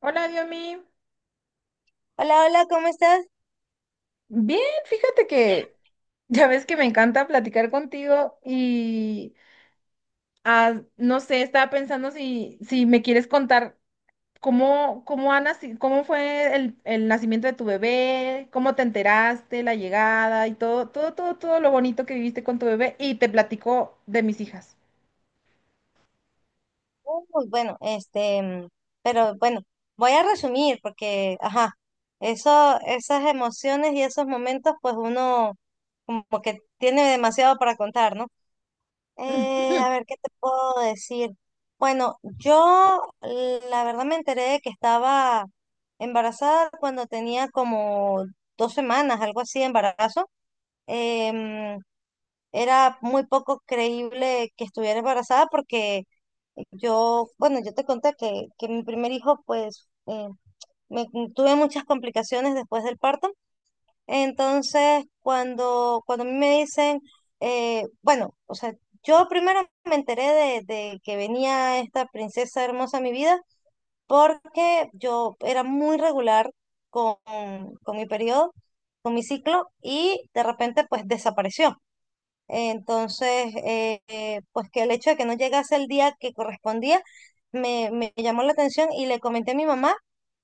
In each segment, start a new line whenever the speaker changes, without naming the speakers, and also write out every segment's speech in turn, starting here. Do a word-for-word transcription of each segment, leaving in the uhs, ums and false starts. Hola, Diomi.
Hola, hola, ¿cómo estás?
Bien, fíjate que ya ves que me encanta platicar contigo y ah, no sé, estaba pensando si, si me quieres contar cómo, cómo, ha naci- cómo fue el, el nacimiento de tu bebé, cómo te enteraste, la llegada y todo, todo, todo, todo lo bonito que viviste con tu bebé y te platico de mis hijas.
Uy, bueno, este, mm, pero bueno, voy a resumir porque, ajá, eso, esas emociones y esos momentos, pues uno como que tiene demasiado para contar, ¿no? Eh, a ver, ¿qué te puedo decir? Bueno, yo la verdad me enteré de que estaba embarazada cuando tenía como dos semanas, algo así de embarazo. Em, Era muy poco creíble que estuviera embarazada porque yo, bueno, yo te conté que, que mi primer hijo, pues, eh, me, tuve muchas complicaciones después del parto. Entonces, cuando, cuando a mí me dicen, eh, bueno, o sea, yo primero me enteré de, de que venía esta princesa hermosa a mi vida porque yo era muy regular con, con mi periodo, con mi ciclo, y de repente, pues, desapareció. Entonces, eh, eh, pues que el hecho de que no llegase el día que correspondía me, me llamó la atención y le comenté a mi mamá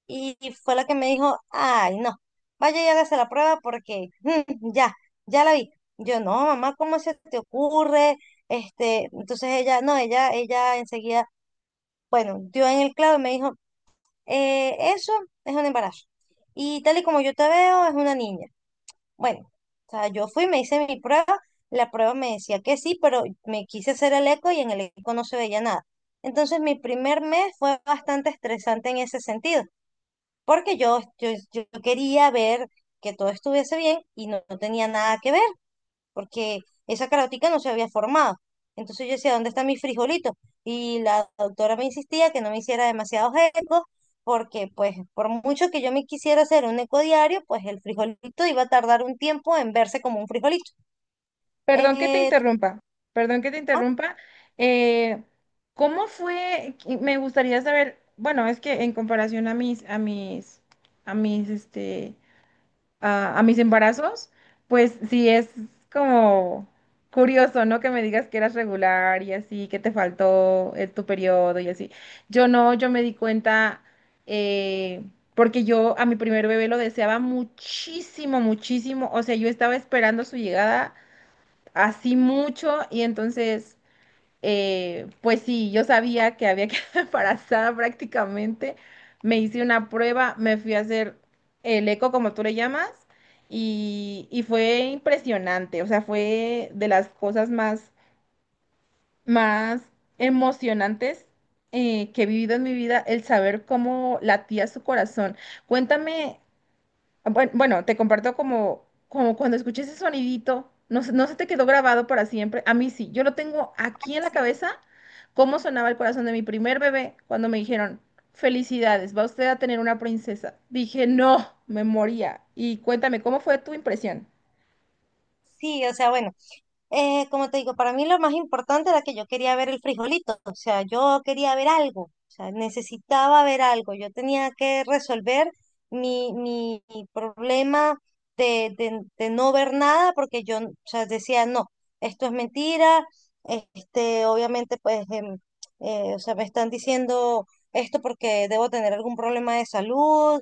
y fue la que me dijo, ay, no, vaya y hágase la prueba porque mm, ya, ya la vi. Yo, no, mamá, ¿cómo se te ocurre? Este, entonces ella, no, ella, ella enseguida, bueno, dio en el clavo y me dijo, "Eh, eso es un embarazo. Y tal y como yo te veo, es una niña. Bueno, o sea, yo fui, me hice mi prueba, la prueba me decía que sí, pero me quise hacer el eco y en el eco no se veía nada. Entonces mi primer mes fue bastante estresante en ese sentido, porque yo, yo, yo quería ver que todo estuviese bien y no, no tenía nada que ver porque esa carótica no se había formado. Entonces yo decía, ¿dónde están mis frijolitos? Y la doctora me insistía que no me hiciera demasiados ecos, porque pues por mucho que yo me quisiera hacer un eco diario, pues el frijolito iba a tardar un tiempo en verse como un frijolito.
Perdón que te
Eh,
interrumpa, perdón que te
ah,
interrumpa. eh, ¿cómo fue? que- Me gustaría saber, bueno, es que en comparación a mis, a mis, a mis, este, a, a mis embarazos, pues sí es como curioso, ¿no? Que me digas que eras regular y así, que te faltó eh, tu periodo y así. Yo no, yo me di cuenta, eh, porque yo a mi primer bebé lo deseaba muchísimo, muchísimo. O sea, yo estaba esperando su llegada así mucho y entonces, eh, pues sí, yo sabía que había quedado embarazada prácticamente. Me hice una prueba, me fui a hacer el eco, como tú le llamas, y, y fue impresionante, o sea, fue de las cosas más, más emocionantes. Eh, que he vivido en mi vida, el saber cómo latía su corazón. Cuéntame. Buen- Bueno, te comparto como, como cuando escuché ese sonidito, no, se- no se te quedó grabado para siempre. A mí sí, yo lo tengo aquí en la
sí,
cabeza, cómo sonaba el corazón de mi primer bebé cuando me dijeron, felicidades, va usted a tener una princesa. Dije, no, me moría. Y cuéntame, ¿cómo fue tu impresión?
sí, o sea, bueno, Eh, como te digo, para mí lo más importante era que yo quería ver el frijolito, o sea, yo quería ver algo, o sea, necesitaba ver algo, yo tenía que resolver mi, mi problema de, de- de no ver nada porque yo, o sea, decía, no, esto es mentira, este, obviamente, pues, em, eh, o sea, me están diciendo esto porque debo tener algún problema de salud, o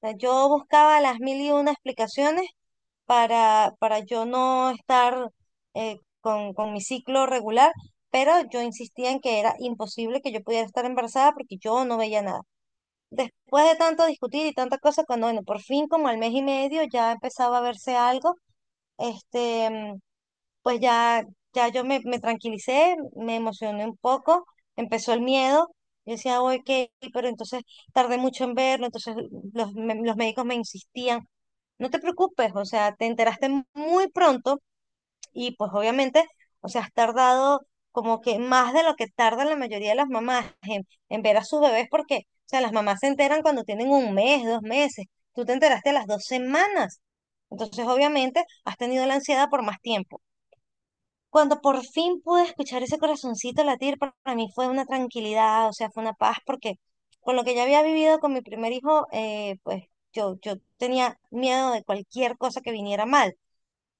sea, yo buscaba las mil y una explicaciones para, para yo no estar eh, con, con mi ciclo regular, pero yo insistía en que era imposible que yo pudiera estar embarazada porque yo no veía nada. Después de tanto discutir y tanta cosa, cuando bueno, por fin como al mes y medio ya empezaba a verse algo, este, pues ya, ya yo me, me tranquilicé, me emocioné un poco, empezó el miedo. Yo decía, ok, pero entonces tardé mucho en verlo, entonces los, me- los médicos me insistían, no te preocupes, o sea, te enteraste muy pronto y pues obviamente, o sea, has tardado como que más de lo que tardan la mayoría de las mamás en, en ver a sus bebés porque, o sea, las mamás se enteran cuando tienen un mes, dos meses, tú te enteraste a las dos semanas, entonces obviamente has tenido la ansiedad por más tiempo. Cuando por fin pude escuchar ese corazoncito latir, pa- para mí fue una tranquilidad, o sea, fue una paz, porque con lo que ya había vivido con mi primer hijo, eh, pues yo, yo tenía miedo de cualquier cosa que viniera mal.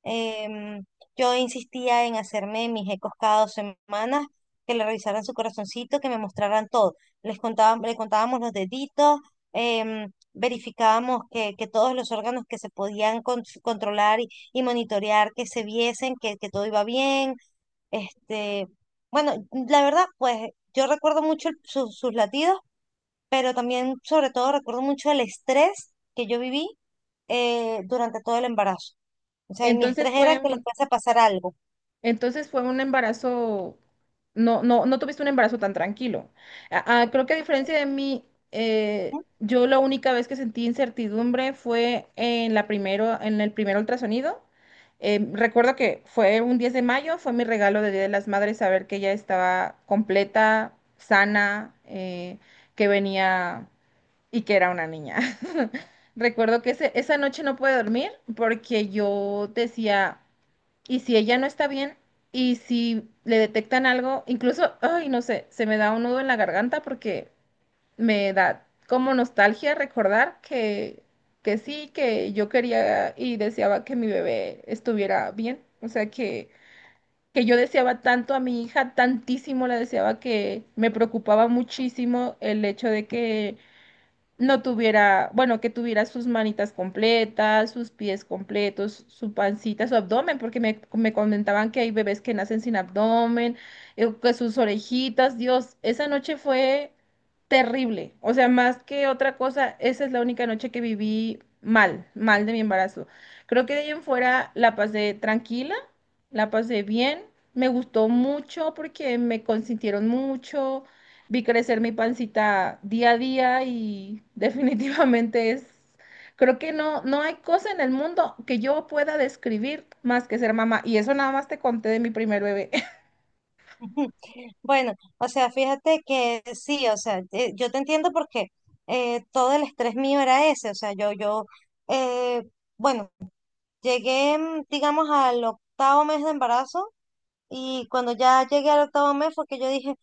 Em, yo insistía en hacerme mis ecos cada dos semanas, que le revisaran su corazoncito, que me mostraran todo. Les contaban, le contábamos los deditos, em, verificábamos que, que todos los órganos que se podían con- controlar y, y monitorear, que se viesen, que, que todo iba bien este, bueno, la verdad, pues yo recuerdo mucho el- su- sus latidos, pero también, sobre todo, recuerdo mucho el estrés que yo viví eh, durante todo el embarazo. O sea, y mi
Entonces
estrés era
fue,
que le fuese a pasar algo.
Entonces fue un embarazo, no, no, no tuviste un embarazo tan tranquilo. A- a- creo que a diferencia de mí, eh,
Ujú.
yo la única vez que sentí incertidumbre fue en la primero, en el primer ultrasonido. Eh, recuerdo que fue un diez de mayo, fue mi regalo de Día de las Madres saber que ella estaba completa, sana, eh, que venía y que era una niña. Recuerdo que ese- esa noche no pude dormir porque yo decía... ¿Y si ella no está bien, y si le detectan algo? Incluso, ay, no sé, se me da un nudo en la garganta porque me da como nostalgia recordar que, que sí, que yo quería y deseaba que mi bebé estuviera bien. O sea, que, que yo deseaba tanto a mi hija, tantísimo la deseaba que me preocupaba muchísimo el hecho de que no tuviera, bueno, que tuviera sus manitas completas, sus pies completos, su pancita, su abdomen, porque me, me comentaban que hay bebés que nacen sin abdomen, eh, que sus orejitas, Dios, esa noche fue terrible, o sea, más que otra cosa, esa es la única noche que viví mal, mal de mi embarazo. Creo que de ahí en fuera la pasé tranquila, la pasé bien. Me gustó mucho porque me consintieron mucho, vi crecer mi pancita día a día y definitivamente es, creo que no, no hay cosa en el mundo que yo pueda describir más que ser mamá. Y eso nada más te conté de mi primer bebé.
Bueno, o sea, fíjate que sí, o sea, eh, yo te entiendo porque eh, todo el estrés mío era ese, o sea, yo, yo, eh, bueno, llegué, mm, digamos, al octavo mes de embarazo y cuando ya llegué al octavo mes fue que yo dije,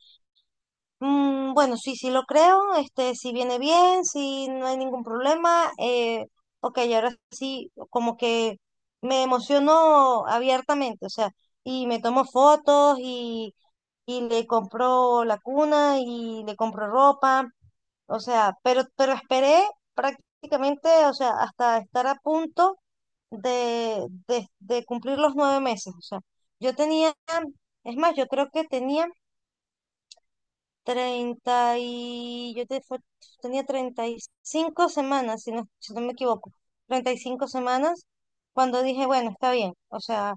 Mm, bueno, sí, sí lo creo, este, si viene bien, si no hay ningún problema. Eh, ok, ahora sí, como que me emociono abiertamente, o sea, y me tomo fotos y, y le compro la cuna y le compro ropa, o sea, pero, pero esperé prácticamente, o sea, hasta estar a punto de, de de cumplir los nueve meses, o sea, yo tenía, es más, yo creo que tenía... Treinta, y yo te- fue- tenía treinta y cinco semanas, si no, si no me equivoco, treinta y cinco semanas, cuando dije, bueno, está bien, o sea,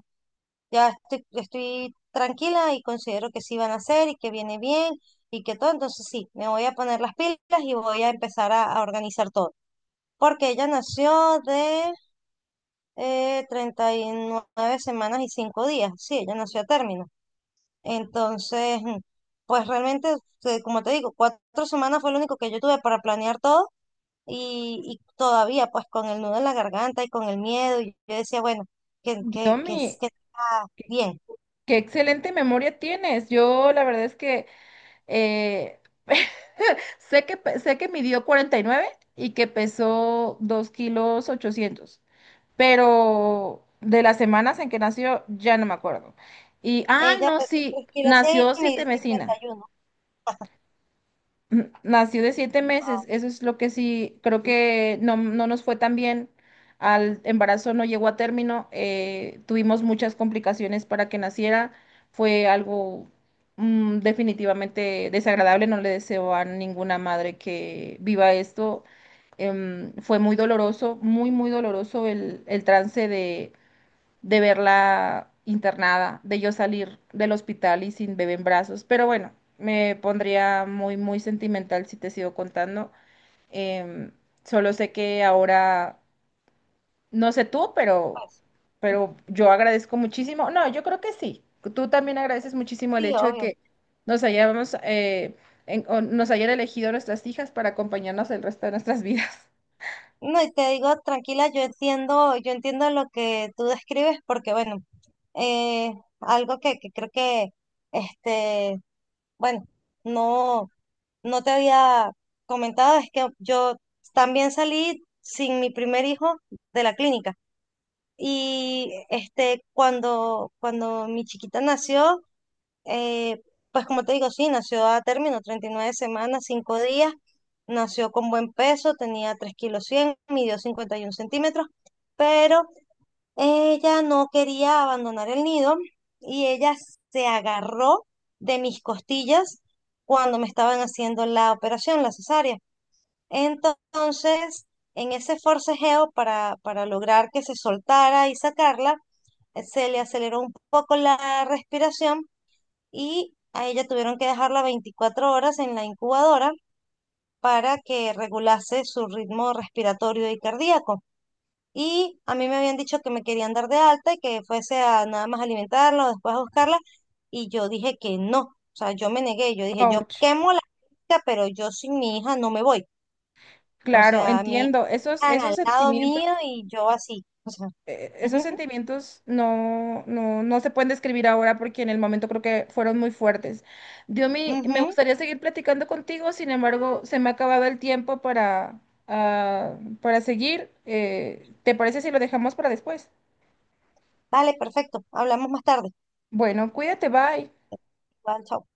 ya estoy, estoy tranquila y considero que sí van a hacer y que viene bien y que todo, entonces sí, me voy a poner las pilas y voy a empezar a, a organizar todo, porque ella nació de eh, treinta y nueve semanas y cinco días, sí, ella nació a término. Entonces, pues realmente, eh, como te digo, cuatro semanas fue lo único que yo tuve para planear todo y, y todavía pues con el nudo en la garganta y con el miedo, y yo decía, bueno, que, que, que,
Diomi,
es- que está bien.
qué excelente memoria tienes. Yo la verdad es que eh, sé que, pe- sé que midió cuarenta y nueve y que pesó dos kilos ochocientos. Pero de las semanas en que nació ya no me acuerdo. Y, ay,
Ella
no,
pesó
sí,
tres kilos cien
nació
y
siete
midió
mesina.
cincuenta y uno.
Ujú, nació de siete meses,
Wow,
eso es lo que sí, creo que no, no nos fue tan bien. Al embarazo no llegó a término, eh, tuvimos muchas complicaciones para que naciera, fue algo mm, definitivamente desagradable, no le deseo a ninguna madre que viva esto. Em, fue muy doloroso, muy, muy doloroso el, el trance de, de verla internada, de yo salir del hospital y sin bebé en brazos. Pero bueno, me pondría muy, muy sentimental si te sigo contando. Em, Solo sé que ahora, no sé tú, pero,
pues,
pero yo agradezco muchísimo. No, yo creo que sí. Tú también agradeces muchísimo el
sí,
hecho de
obvio.
que nos hayamos, eh, en- o nos hayan elegido nuestras hijas para acompañarnos el resto de nuestras vidas.
No, y te digo, tranquila, yo entiendo, yo entiendo lo que tú describes porque, bueno, eh, algo que, que creo que, este, bueno, no. No te había comentado es que yo también salí sin mi primer hijo de la clínica. Y este, cuando, cuando mi chiquita nació, eh, pues como te digo, sí, nació a término, treinta y nueve semanas, cinco días, nació con buen peso, tenía tres kilos cien midió cincuenta y un centímetros, pero ella no quería abandonar el nido y ella se agarró de mis costillas cuando me estaban haciendo la operación, la cesárea. Entonces, en ese forcejeo para, para lograr que se soltara y sacarla, eh, se le aceleró un poco la respiración y a ella tuvieron que dejarla veinticuatro horas en la incubadora para que regulase su ritmo respiratorio y cardíaco. Y a mí me habían dicho que me querían dar de alta y que fuese a nada más alimentarla o después a buscarla. Y yo dije que no. O sea, yo me negué. Yo dije, yo
Ouch.
quemo la finca, pero yo sin mi hija no me voy. O
Claro,
sea, mi hija
entiendo. Esos,
están
esos
al lado
sentimientos.
mío y yo así. O sea,
Eh, esos
ujú,
sentimientos no, no, no se pueden describir ahora porque en el momento creo que fueron muy fuertes. Diomi, me
ujú.
gustaría seguir platicando contigo, sin embargo, se me ha acabado el tiempo para, ah, para seguir. Eh, ¿te parece si lo dejamos para después?
Vale, perfecto. Hablamos más tarde.
Bueno, cuídate, bye.
Igual, chao.